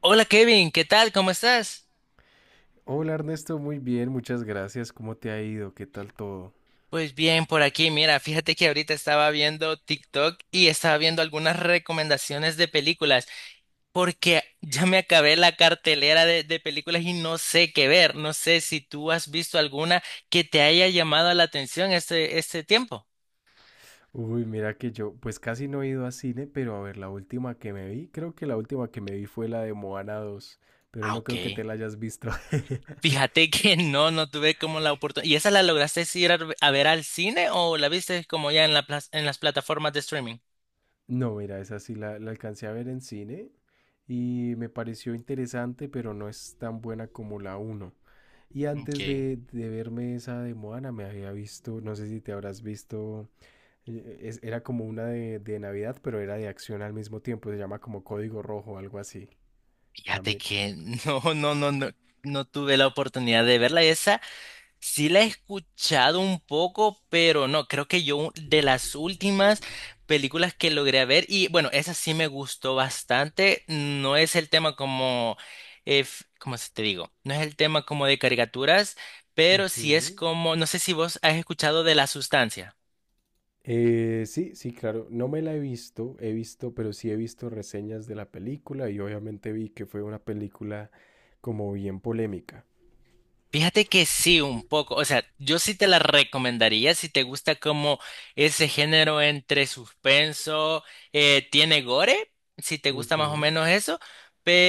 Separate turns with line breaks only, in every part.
Hola Kevin, ¿qué tal? ¿Cómo estás?
Hola Ernesto, muy bien, muchas gracias. ¿Cómo te ha ido? ¿Qué tal todo?
Pues bien, por aquí, mira, fíjate que ahorita estaba viendo TikTok y estaba viendo algunas recomendaciones de películas, porque ya me acabé la cartelera de películas y no sé qué ver. No sé si tú has visto alguna que te haya llamado la atención este tiempo.
Uy, mira que yo, pues casi no he ido a cine, pero a ver, la última que me vi, creo que la última que me vi fue la de Moana dos, pero
Ah,
no
ok.
creo que te la hayas visto.
Fíjate que no tuve como la oportunidad. ¿Y esa la lograste ir a ver al cine o la viste como ya en las plataformas de streaming?
No, mira, esa sí la alcancé a ver en cine y me pareció interesante, pero no es tan buena como la uno. Y antes
Ok.
de verme esa de Moana, me había visto, no sé si te habrás visto. Era como una de Navidad, pero era de acción al mismo tiempo. Se llama como Código Rojo, algo así.
Fíjate
También.
que no, no, no, no, no tuve la oportunidad de verla. Esa sí la he escuchado un poco, pero no, creo que yo de las últimas películas que logré ver, y bueno, esa sí me gustó bastante. No es el tema como, ¿cómo se te digo? No es el tema como de caricaturas, pero sí es
Ujú.
como, no sé si vos has escuchado de La Sustancia.
Sí, sí, claro. No me la he visto, pero sí he visto reseñas de la película y obviamente vi que fue una película como bien polémica.
Fíjate que sí, un poco. O sea, yo sí te la recomendaría si te gusta como ese género entre suspenso, tiene gore, si te gusta más o
Ujú.
menos eso,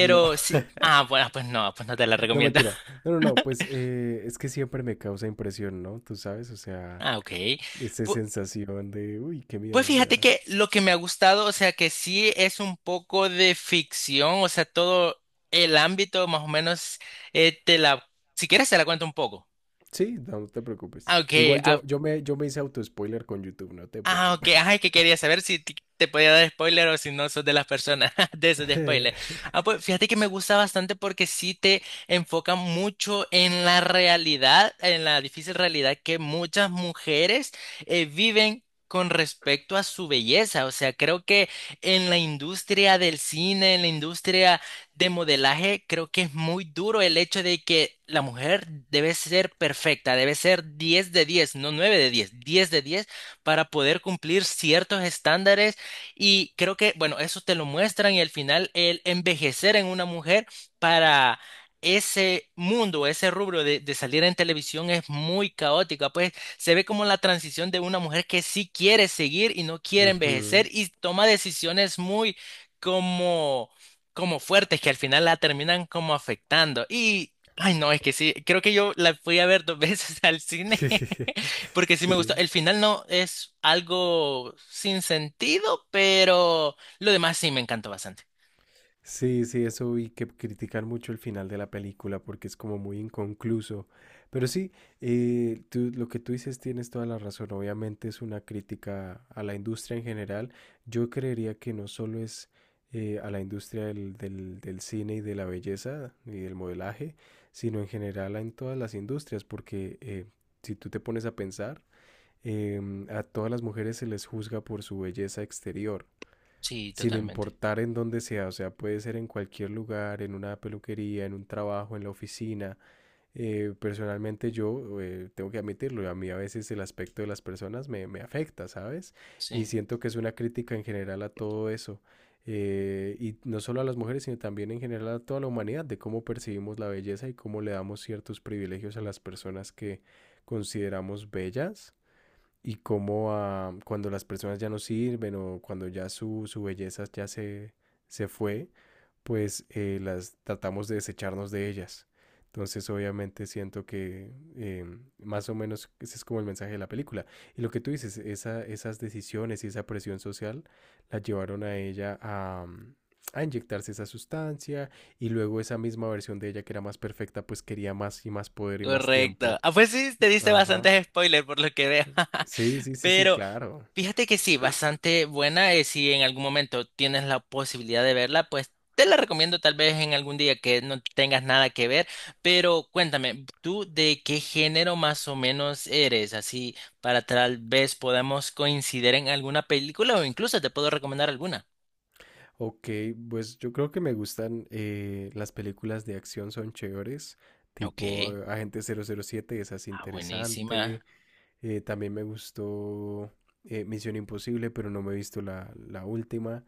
No,
sí. Ah, bueno, pues no te la
no
recomiendo.
mentira. No, no, no, es que siempre me causa impresión, ¿no? Tú sabes, o sea,
Ah, ok.
esa
Pu-
sensación de, uy, qué miedo,
Pues
o
fíjate
sea.
que lo que me ha gustado, o sea, que sí es un poco de ficción, o sea, todo el ámbito más o menos, eh, te la, si quieres te la cuento un poco.
Sí, no, no te
Ah,
preocupes.
ok,
Igual
ah,
yo me hice auto-spoiler con YouTube, no te
Ok.
preocupes.
Ajá, es que quería saber si te podía dar spoiler o si no sos de las personas de esos de spoiler. Ah, pues fíjate que me gusta bastante porque sí te enfoca mucho en la realidad, en la difícil realidad que muchas mujeres viven. Con respecto a su belleza, o sea, creo que en la industria del cine, en la industria de modelaje, creo que es muy duro el hecho de que la mujer debe ser perfecta, debe ser 10 de 10, no 9 de 10, 10 de 10 para poder cumplir ciertos estándares y creo que, bueno, eso te lo muestran y al final el envejecer en una mujer para ese mundo, ese rubro de salir en televisión es muy caótica, pues se ve como la transición de una mujer que sí quiere seguir y no quiere
Ujú.
envejecer y toma decisiones muy como, como fuertes que al final la terminan como afectando. Y, ay no, es que sí, creo que yo la fui a ver dos veces al cine porque sí me gustó.
Sí,
El final no es algo sin sentido, pero lo demás sí me encantó bastante.
sí, sí, eso vi que critican mucho el final de la película porque es como muy inconcluso. Pero sí, lo que tú dices tienes toda la razón. Obviamente es una crítica a la industria en general. Yo creería que no solo es a la industria del cine y de la belleza y del modelaje, sino en general en todas las industrias, porque si tú te pones a pensar, a todas las mujeres se les juzga por su belleza exterior
Sí,
sin
totalmente.
importar en dónde sea, o sea, puede ser en cualquier lugar, en una peluquería, en un trabajo, en la oficina. Personalmente yo tengo que admitirlo, a mí a veces el aspecto de las personas me afecta, ¿sabes? Y
Sí.
siento que es una crítica en general a todo eso. Y no solo a las mujeres, sino también en general a toda la humanidad, de cómo percibimos la belleza y cómo le damos ciertos privilegios a las personas que consideramos bellas y cómo cuando las personas ya no sirven o cuando ya su belleza se fue, las tratamos de desecharnos de ellas. Entonces, obviamente siento que más o menos ese es como el mensaje de la película. Y lo que tú dices, esas decisiones y esa presión social la llevaron a ella a, a inyectarse esa sustancia y luego esa misma versión de ella que era más perfecta, pues quería más y más poder y más
Correcto.
tiempo.
Ah, pues sí, te diste
Ajá.
bastantes spoilers por lo que veo.
Sí, sí, sí, sí,
Pero,
claro.
fíjate que sí, bastante buena. Si en algún momento tienes la posibilidad de verla, pues te la recomiendo tal vez en algún día que no tengas nada que ver. Pero cuéntame, ¿tú de qué género más o menos eres? Así para tal vez podamos coincidir en alguna película o incluso te puedo recomendar alguna.
Ok, pues yo creo que me gustan las películas de acción, son chéveres,
Ok,
tipo Agente 007, esa es
buenísima.
interesante. También me gustó Misión Imposible, pero no me he visto la última.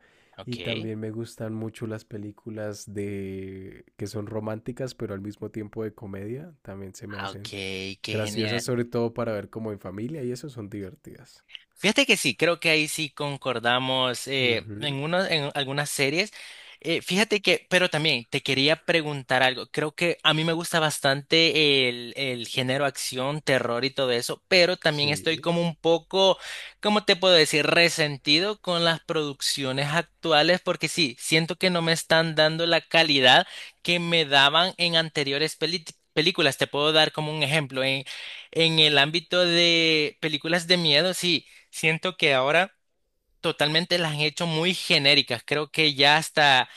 Y
Ok,
también me gustan mucho las películas de que son románticas, pero al mismo tiempo de comedia, también se me
ok,
hacen
qué
graciosas,
genial.
sobre todo para ver como en familia, y eso son divertidas.
Fíjate que sí, creo que ahí sí concordamos,
Ujú.
en algunas series. Fíjate que, pero también te quería preguntar algo. Creo que a mí me gusta bastante el género acción, terror y todo eso, pero también estoy
Sí.
como un poco, ¿cómo te puedo decir? Resentido con las producciones actuales porque sí, siento que no me están dando la calidad que me daban en anteriores películas. Te puedo dar como un ejemplo. En el ámbito de películas de miedo, sí. Siento que ahora totalmente las han hecho muy genéricas. Creo que ya hasta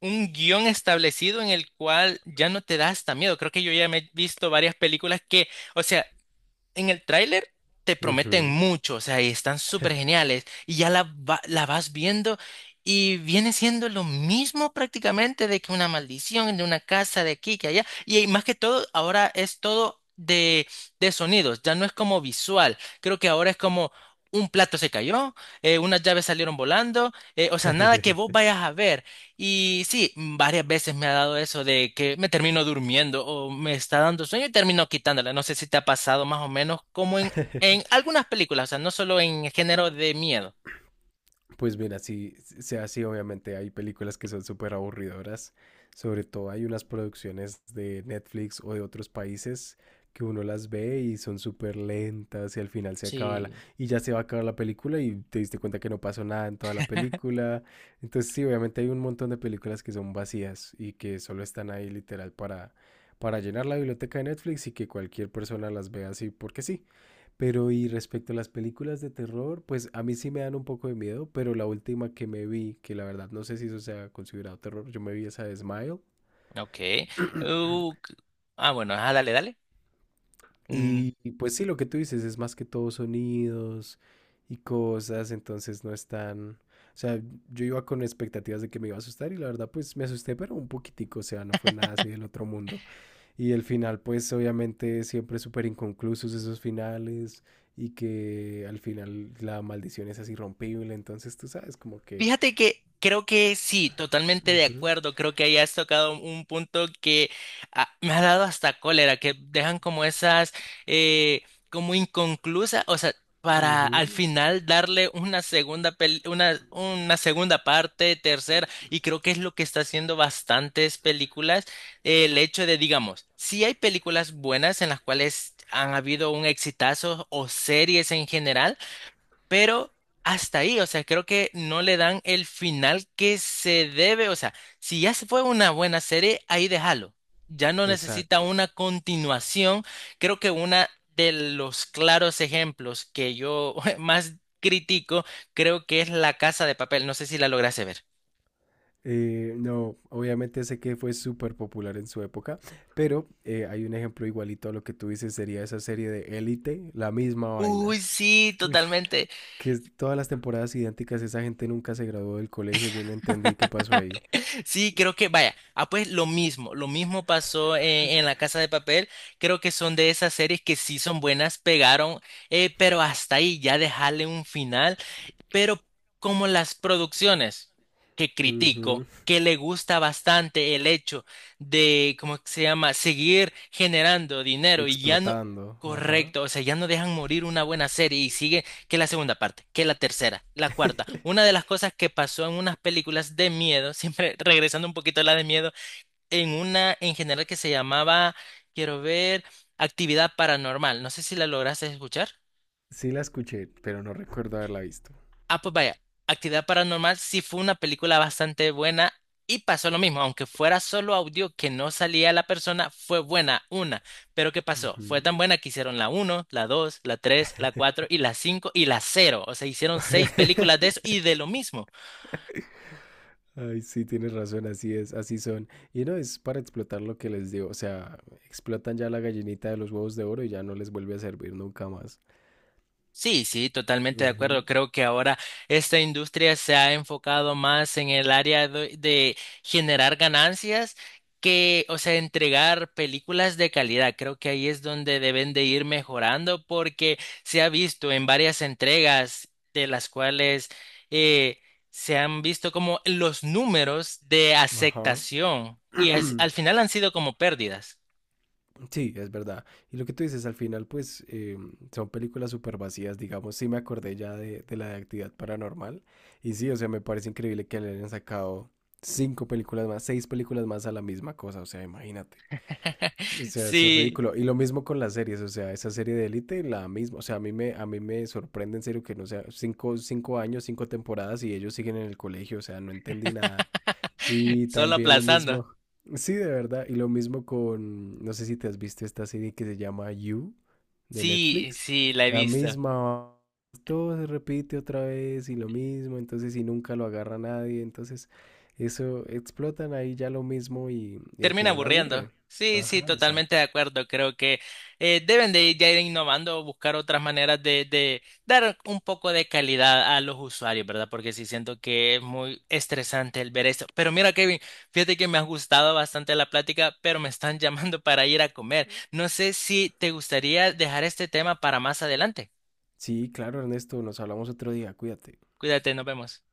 un guión establecido en el cual ya no te da hasta miedo. Creo que yo ya me he visto varias películas que, o sea, en el tráiler te prometen
Ujú.
mucho, o sea, y están súper geniales, y la vas viendo y viene siendo lo mismo prácticamente de que una maldición, de una casa de aquí, que allá, y más que todo, ahora es todo de sonidos, ya no es como visual, creo que ahora es como... Un plato se cayó, unas llaves salieron volando, o sea, nada que vos vayas a ver, y sí, varias veces me ha dado eso de que me termino durmiendo o me está dando sueño y termino quitándola. No sé si te ha pasado más o menos como en algunas películas, o sea, no solo en género de miedo.
Pues mira, sí, sí, sea así, obviamente hay películas que son súper aburridoras, sobre todo hay unas producciones de Netflix o de otros países que uno las ve y son súper lentas y al final se acaba la,
Sí,
y ya se va a acabar la película y te diste cuenta que no pasó nada en toda la película. Entonces sí, obviamente hay un montón de películas que son vacías y que solo están ahí literal para llenar la biblioteca de Netflix y que cualquier persona las vea así porque sí. Pero y respecto a las películas de terror, pues a mí sí me dan un poco de miedo, pero la última que me vi, que la verdad no sé si eso sea considerado terror, yo me vi esa de Smile.
ok. Uh, c- bueno, dale, dale. Mm,
Y pues sí, lo que tú dices es más que todo sonidos y cosas, entonces no es tan... O sea, yo iba con expectativas de que me iba a asustar y la verdad pues me asusté, pero un poquitico, o sea, no fue nada así del otro mundo. Y el final, pues obviamente siempre súper inconclusos esos finales y que al final la maldición es así rompible, entonces tú sabes como que...
Fíjate que creo que sí, totalmente de
Ujú,
acuerdo. Creo que ahí has tocado un punto que me ha dado hasta cólera, que dejan como esas, eh, como inconclusas, o sea, para al
ujú.
final darle una segunda parte, tercera, y creo que es lo que está haciendo bastantes películas, el hecho de, digamos, sí hay películas buenas en las cuales han habido un exitazo o series en general, pero hasta ahí, o sea, creo que no le dan el final que se debe, o sea, si ya se fue una buena serie, ahí déjalo. Ya no necesita
Exacto.
una continuación. Creo que una de los claros ejemplos que yo más critico, creo que es La Casa de Papel. No sé si la lograste ver.
No, obviamente sé que fue súper popular en su época, pero hay un ejemplo igualito a lo que tú dices, sería esa serie de Élite, la misma
Uy,
vaina.
sí,
Ush,
totalmente.
que todas las temporadas idénticas, esa gente nunca se graduó del colegio, yo no entendí qué pasó ahí.
Sí, creo que, vaya, pues lo mismo pasó en La Casa de Papel, creo que son de esas series que sí son buenas, pegaron, pero hasta ahí ya dejarle un final, pero como las producciones que
Ujú.
critico, que le gusta bastante el hecho de, ¿cómo se llama?, seguir generando dinero y ya no...
Explotando, ajá.
Correcto, o sea, ya no dejan morir una buena serie y sigue que la segunda parte, que la tercera, la cuarta. Una de las cosas que pasó en unas películas de miedo, siempre regresando un poquito a la de miedo, en una en general que se llamaba, quiero ver, Actividad Paranormal. No sé si la lograste escuchar.
Sí la escuché, pero no recuerdo haberla visto.
Ah, pues vaya, Actividad Paranormal sí fue una película bastante buena y pasó lo mismo, aunque fuera solo audio que no salía la persona, fue buena una. Pero ¿qué pasó? Fue tan
Ujú.
buena que hicieron la uno, la 2, la 3, la 4 y la 5 y la cero. O sea, hicieron seis películas de eso y de lo mismo.
Ay, sí, tienes razón, así es, así son. Y no, es para explotar lo que les digo, o sea, explotan ya la gallinita de los huevos de oro y ya no les vuelve a servir nunca más.
Sí, sí, totalmente de acuerdo.
Ujú.
Creo que ahora esta industria se ha enfocado más en el área de generar ganancias que, o sea, entregar películas de calidad. Creo que ahí es donde deben de ir mejorando porque se ha visto en varias entregas de las cuales eh, se han visto como los números de
Ajá.
aceptación y al final han sido como pérdidas.
Sí, es verdad. Y lo que tú dices, al final, son películas súper vacías, digamos. Sí, me acordé ya de la de actividad paranormal. Y sí, o sea, me parece increíble que le hayan sacado cinco películas más, seis películas más a la misma cosa. O sea, imagínate. O sea, eso es
Sí,
ridículo. Y lo mismo con las series, o sea, esa serie de Élite, la misma, o sea, a mí me sorprende en serio que no sea cinco años, cinco temporadas y ellos siguen en el colegio, o sea, no entendí nada. Y
solo
también lo
aplazando.
mismo, sí, de verdad, y lo mismo con, no sé si te has visto esta serie que se llama You de
Sí,
Netflix,
sí, la he
la
visto.
misma, todo se repite otra vez y lo mismo, entonces y nunca lo agarra nadie, entonces eso explotan ahí ya lo mismo y al
Termina
final aburre.
aburriendo. Sí, sí,
Ajá,
totalmente
exacto.
de acuerdo. Creo que deben de ya ir innovando, buscar otras maneras de dar un poco de calidad a los usuarios, ¿verdad? Porque sí siento que es muy estresante el ver esto. Pero mira, Kevin, fíjate que me ha gustado bastante la plática, pero me están llamando para ir a comer. No sé si te gustaría dejar este tema para más adelante.
Sí, claro, Ernesto, nos hablamos otro día, cuídate.
Cuídate, nos vemos.